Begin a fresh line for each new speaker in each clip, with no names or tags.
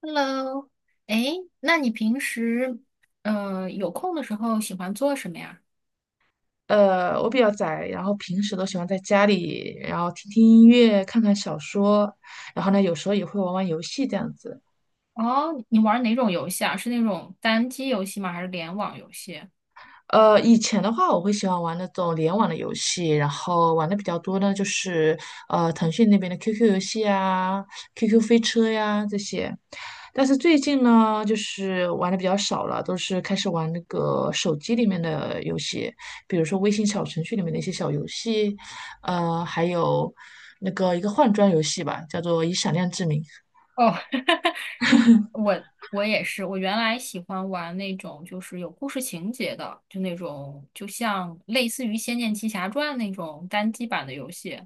Hello，哎，那你平时有空的时候喜欢做什么呀？
我比较宅，然后平时都喜欢在家里，然后听听音乐，看看小说，然后呢，有时候也会玩玩游戏这样子。
哦，你玩哪种游戏啊？是那种单机游戏吗？还是联网游戏？
以前的话，我会喜欢玩那种联网的游戏，然后玩的比较多呢，就是腾讯那边的 QQ 游戏啊、QQ 飞车呀这些。但是最近呢，就是玩的比较少了，都是开始玩那个手机里面的游戏，比如说微信小程序里面的一些小游戏，还有那个一个换装游戏吧，叫做《以闪亮之名》。
哦，我我也是，我原来喜欢玩那种就是有故事情节的，就那种就像类似于《仙剑奇侠传》那种单机版的游戏，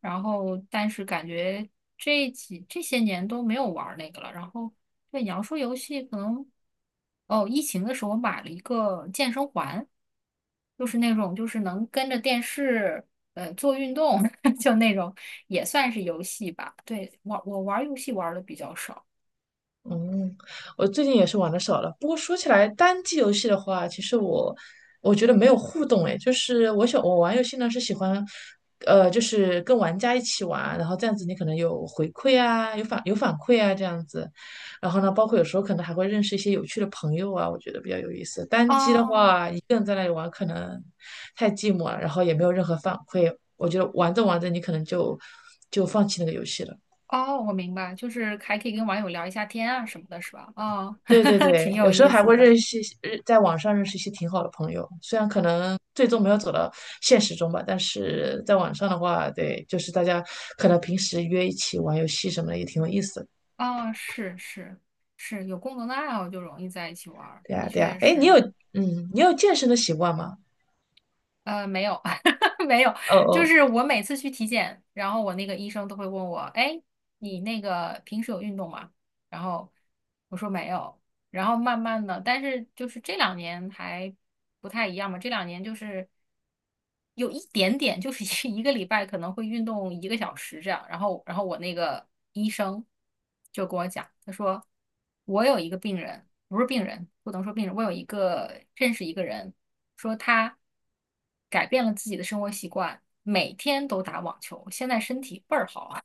然后但是感觉这些年都没有玩儿那个了。然后对你要说游戏，可能哦，疫情的时候我买了一个健身环，就是那种就是能跟着电视做运动，就那种也算是游戏吧。对，我玩儿游戏玩的比较少。
嗯，我最近也是玩的少了。不过说起来，单机游戏的话，其实我觉得没有互动诶，就是我想我玩游戏呢是喜欢，就是跟玩家一起玩，然后这样子你可能有回馈啊，有反馈啊这样子。然后呢，包括有时候可能还会认识一些有趣的朋友啊，我觉得比较有意思。单机的
哦
话，一个人在那里玩可能太寂寞了，然后也没有任何反馈，我觉得玩着玩着你可能就放弃那个游戏了。
哦，我明白，就是还可以跟网友聊一下天啊什么的，是吧？哦，
对对 对，
挺有
有时候
意
还
思
会
的。
认识一些，在网上认识一些挺好的朋友，虽然可能最终没有走到现实中吧，但是在网上的话，对，就是大家可能平时约一起玩游戏什么的也挺有意思的。
哦，是是是，有共同的爱好就容易在一起玩儿，
对
的
呀，对呀，
确
哎，
是。
你有健身的习惯吗？
没有 没有，
哦
就
哦，
是我每次去体检，然后我那个医生都会问我，哎，你那个平时有运动吗？然后我说没有，然后慢慢的，但是就是这两年还不太一样嘛，这两年就是。有一点点，就是一个礼拜可能会运动一个小时这样。然后，我那个医生就跟我讲，他说我有一个病人，不是病人，不能说病人，我有一个认识一个人，说他改变了自己的生活习惯，每天都打网球，现在身体倍儿好啊，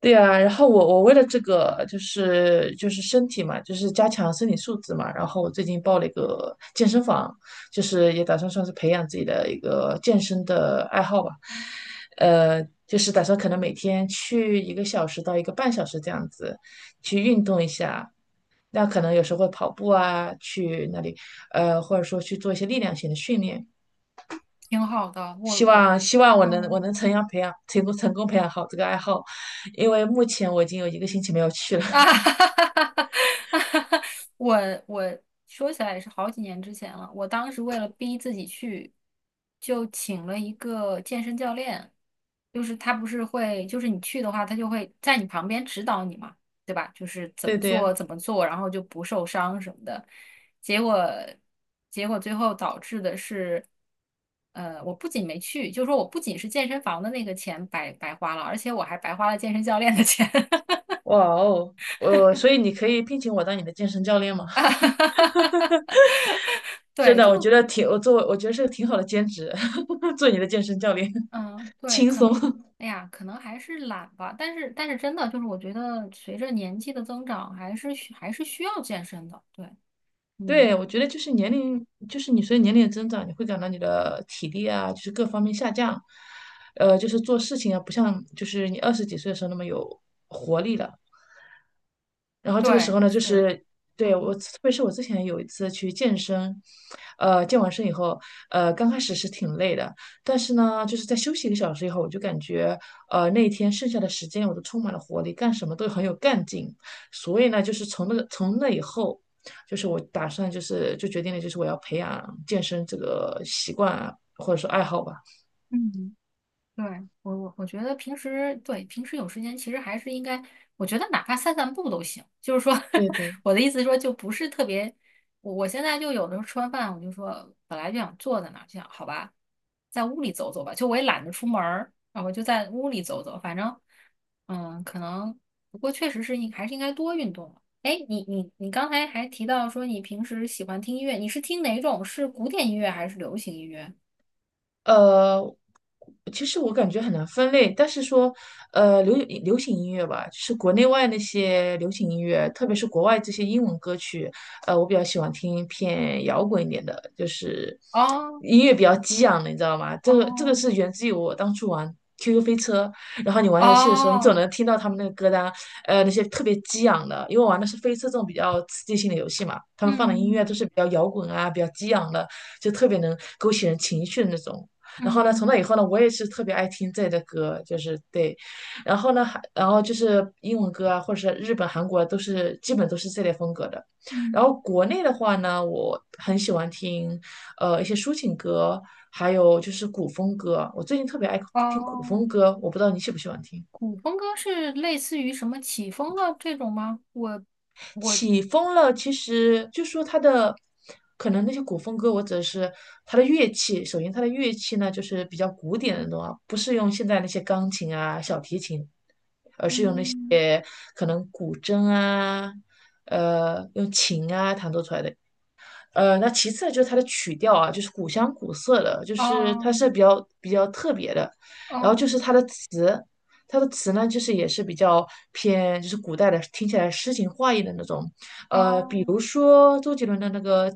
对呀，然后我为了这个就是身体嘛，就是加强身体素质嘛，然后我最近报了一个健身房，就是也打算算是培养自己的一个健身的爱好吧，就是打算可能每天去一个小时到一个半小时这样子去运动一下，那可能有时候会跑步啊，去那里，或者说去做一些力量型的训练。
挺好的。我
希
我
望希望我能
嗯。
我能成功培养好这个爱好，因为目前我已经有一个星期没有去了。
啊 哈哈哈哈哈！我说起来也是好几年之前了。我当时为了逼自己去，就请了一个健身教练，就是他不是会，就是你去的话，他就会在你旁边指导你嘛，对吧？就是怎
对
么
对，
做怎么做，然后就不受伤什么的。结果结果最后导致的是，我不仅没去，就说我不仅是健身房的那个钱白白花了，而且我还白花了健身教练的钱。
哇哦，所以你可以聘请我当你的健身教练吗？
啊 哈哈哈哈！
真
对，
的，我觉得是个挺好的兼职，做你的健身教练
嗯，对，
轻
可
松。
能，哎呀，可能还是懒吧。但是，真的就是，我觉得随着年纪的增长，还是需要健身的。对，
对，
嗯，
我觉得就是年龄，就是你随着年龄的增长，你会感到你的体力啊，就是各方面下降，就是做事情啊，不像就是你二十几岁的时候那么有活力了。然后这个时候
对，
呢，就
是，
是对
嗯
我，特别是我之前有一次去健身，健完身以后，刚开始是挺累的，但是呢，就是在休息一个小时以后，我就感觉，那一天剩下的时间我都充满了活力，干什么都很有干劲。所以呢，就是从那以后，就是我打算就是就决定了，就是我要培养健身这个习惯啊，或者说爱好吧。
嗯。对，我觉得平时有时间，其实还是应该，我觉得哪怕散散步都行。就是说，
对 对。
我的意思是说，就不是特别。我现在就有的时候吃完饭，我就说本来就想坐在那儿，就想好吧，在屋里走走吧。就我也懒得出门儿，然后就在屋里走走。反正，嗯，可能不过确实是还是应该多运动了。哎，你刚才还提到说你平时喜欢听音乐，你是听哪种？是古典音乐还是流行音乐？
呃，其实我感觉很难分类，但是说，呃，流流行音乐吧，就是国内外那些流行音乐，特别是国外这些英文歌曲，我比较喜欢听偏摇滚一点的，就是
哦
音乐比较激昂的，你知道吗？这个
哦
是源自于我当初玩 QQ 飞车，然后你玩游戏的时候，你总
哦，
能听到他们那个歌单，那些特别激昂的，因为我玩的是飞车这种比较刺激性的游戏嘛，他们放的音乐
嗯
都是比较摇滚啊，比较激昂的，就特别能勾起人情绪的那种。然后呢，从
嗯
那以后呢，我也是特别爱听这类的歌，就是对，然后呢，然后就是英文歌啊，或者是日本、韩国都是基本都是这类风格的。
嗯，
然后国内的话呢，我很喜欢听一些抒情歌，还有就是古风歌。我最近特别爱听古风
哦，
歌，我不知道你喜不喜欢听。
古风歌是类似于什么起风了这种吗？我
起风了，其实就说它的。可能那些古风歌，我只是它的乐器。首先，它的乐器呢，就是比较古典的那种啊，不是用现在那些钢琴啊、小提琴
嗯，
也可能古筝啊，用琴啊弹奏出来的那其次呢就是它的曲调啊，就是古香古色的，就是它
哦
是比较比较特别的。然后就是
哦
它的词，它的词呢，就是也是比较偏就是古代的，听起来诗情画意的那种。比
哦，
如说周杰伦的那个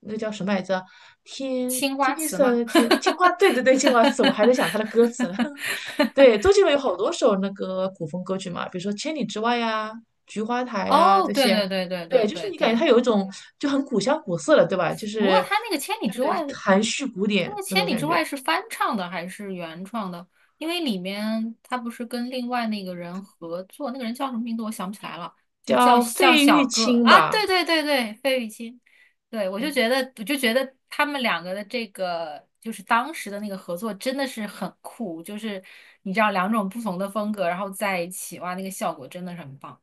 叫什么来着？天
青
天
花
青
瓷吗？
色天青花，对对对，青花瓷，我还在想它的歌词呢。对，周杰伦有好多首那个古风歌曲嘛，比如说《千里之外》呀、《菊花台》呀
哦，
这
对
些，
对对对
对，
对
就是
对
你感觉
对，
它有一种就很古香古色的，对吧？就
不过
是对对，含蓄古
他那
典
个
那
《千
种
里
感
之外》
觉，
是翻唱的还是原创的？因为里面他不是跟另外那个人合作，那个人叫什么名字我想不起来了，就叫
叫
叫
费
小
玉
个
清
啊，
吧，
对对对对，费玉清，对我就
哎
觉得我就觉得他们两个的这个就是当时的那个合作真的是很酷，就是你知道两种不同的风格然后在一起，哇，那个效果真的是很棒，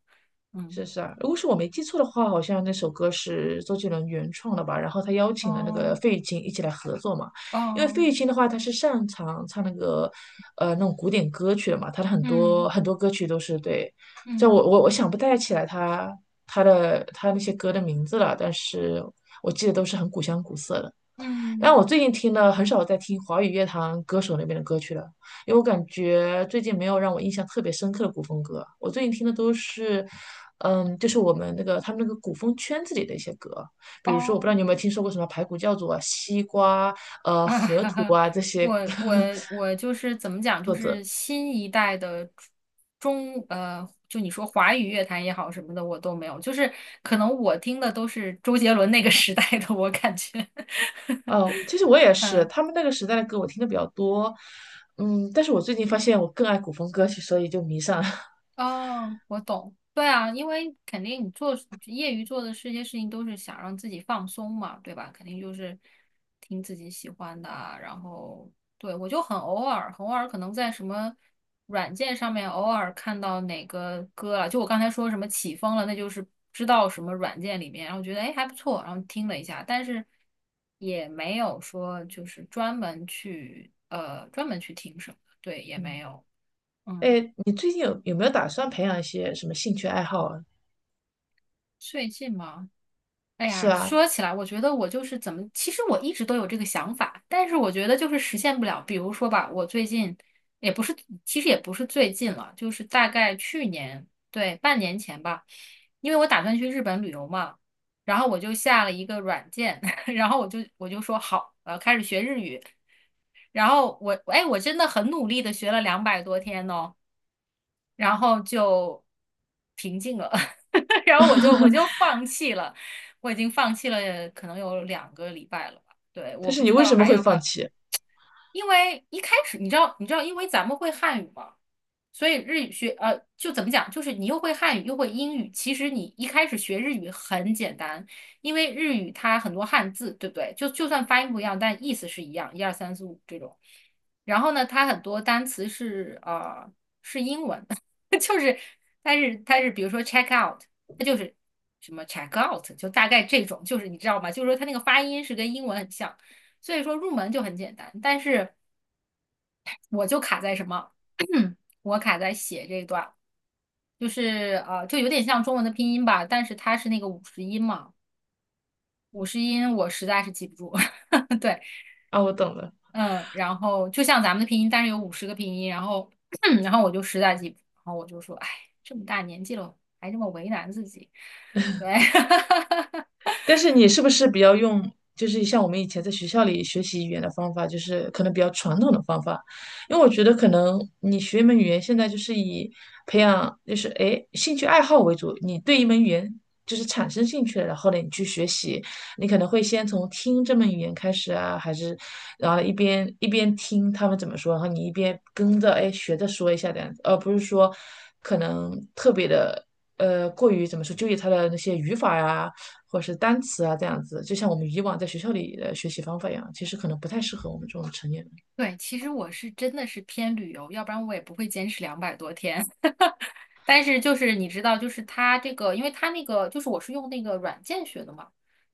嗯，
是是啊？如果是我没记错的话，好像那首歌是周杰伦原创的吧？然后他邀请了那个
哦
费玉清一起来合作嘛，因为
哦，
费玉清的话，他是擅长唱那个那种古典歌曲的嘛，他的很多
嗯
很多歌曲都是对，就
嗯
我想不太起来他那些歌的名字了，但是我记得都是很古香古色的。但
嗯。
我最近听的很少在听华语乐坛歌手那边的歌曲了，因为我感觉最近没有让我印象特别深刻的古风歌。我最近听的都是，就是我们那个他们那个古风圈子里的一些歌，比如说我不知道你
哦，
有没有听说过什么排骨教主啊、西瓜、
啊
河
哈
图
哈，
啊这些
我我 我就是怎么讲，就
作
是
者。
新一代的就你说华语乐坛也好什么的，我都没有，就是可能我听的都是周杰伦那个时代的，我感觉，
其实我也 是，
嗯。
他们那个时代的歌我听的比较多，嗯，但是我最近发现我更爱古风歌曲，所以就迷上了。
哦，我懂。对啊，因为肯定你业余做的这些事情都是想让自己放松嘛，对吧？肯定就是听自己喜欢的啊然后对我就很偶尔，很偶尔可能在什么软件上面偶尔看到哪个歌了，就我刚才说什么起风了，那就是知道什么软件里面，然后觉得哎还不错，然后听了一下，但是也没有说就是专门去听什么，对，也没
嗯，
有。嗯，
哎，你最近有没有打算培养一些什么兴趣爱好啊？
最近吗？哎
是
呀，
啊，
说起来，我觉得我就是怎么，其实我一直都有这个想法，但是我觉得就是实现不了。比如说吧，我最近也不是，其实也不是最近了，就是大概去年，对，半年前吧，因为我打算去日本旅游嘛，然后我就下了一个软件，然后我就说好，我要开始学日语，然后我，哎，我真的很努力的学了两百多天哦。然后就平静了，然后我就放弃了，我已经放弃了，可能有2个礼拜了吧。对，
但
我不
是你
知
为
道
什么
还
会
要不
放
要。
弃？
因为一开始你知道，你知道，因为咱们会汉语嘛，所以日语学就怎么讲，就是你又会汉语又会英语，其实你一开始学日语很简单，因为日语它很多汉字，对不对？就算发音不一样，但意思是一样，一二三四五这种。然后呢，它很多单词是英文，就是它是比如说 check out，它就是什么 check out，就大概这种，就是你知道吗？就是说它那个发音是跟英文很像。所以说入门就很简单，但是我就卡在什么？我卡在写这一段，就是就有点像中文的拼音吧，但是它是那个五十音嘛，五十音我实在是记不住。对，
啊，我懂了。
嗯，然后就像咱们的拼音，但是有50个拼音，然后 然后我就实在记不住，然后我就说，哎，这么大年纪了，还这么为难自己。对，
但是你是不是比较用，就是像我们以前在学校里学习语言的方法，就是可能比较传统的方法？因为我觉得可能你学一门语言，现在就是以培养，就是兴趣爱好为主。你对一门语言就是产生兴趣了，然后呢你去学习，你可能会先从听这门语言开始啊，还是然后一边听他们怎么说，然后你一边跟着学着说一下这样子，而不是说可能特别的。过于怎么说，纠结它的那些语法呀、或者是单词啊这样子，就像我们以往在学校里的学习方法一样，其实可能不太适合我们这种成年人。
对，其实我是真的是偏旅游，要不然我也不会坚持两百多天。但是就是你知道，就是他这个，因为他那个就是我是用那个软件学的嘛，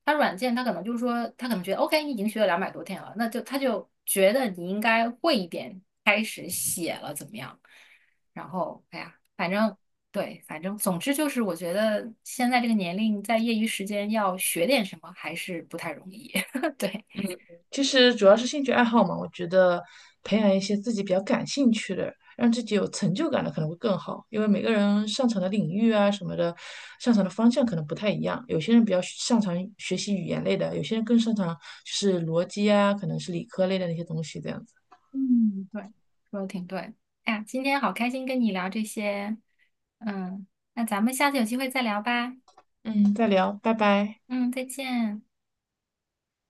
他软件他可能就是说，他可能觉得 OK，你已经学了两百多天了，那就他就觉得你应该会一点，开始写了怎么样？然后哎呀，反正对，反正总之就是，我觉得现在这个年龄在业余时间要学点什么还是不太容易。对，
其实主要是兴趣爱好嘛，我觉得培养一些自己比较感兴趣的，让自己有成就感的可能会更好，因为每个人擅长的领域啊什么的，擅长的方向可能不太一样。有些人比较擅长学习语言类的，有些人更擅长就是逻辑啊，可能是理科类的那些东西这样子。
嗯，对，说的挺对。哎呀，今天好开心跟你聊这些，嗯，那咱们下次有机会再聊吧。
嗯，再聊，拜拜。
嗯，再见。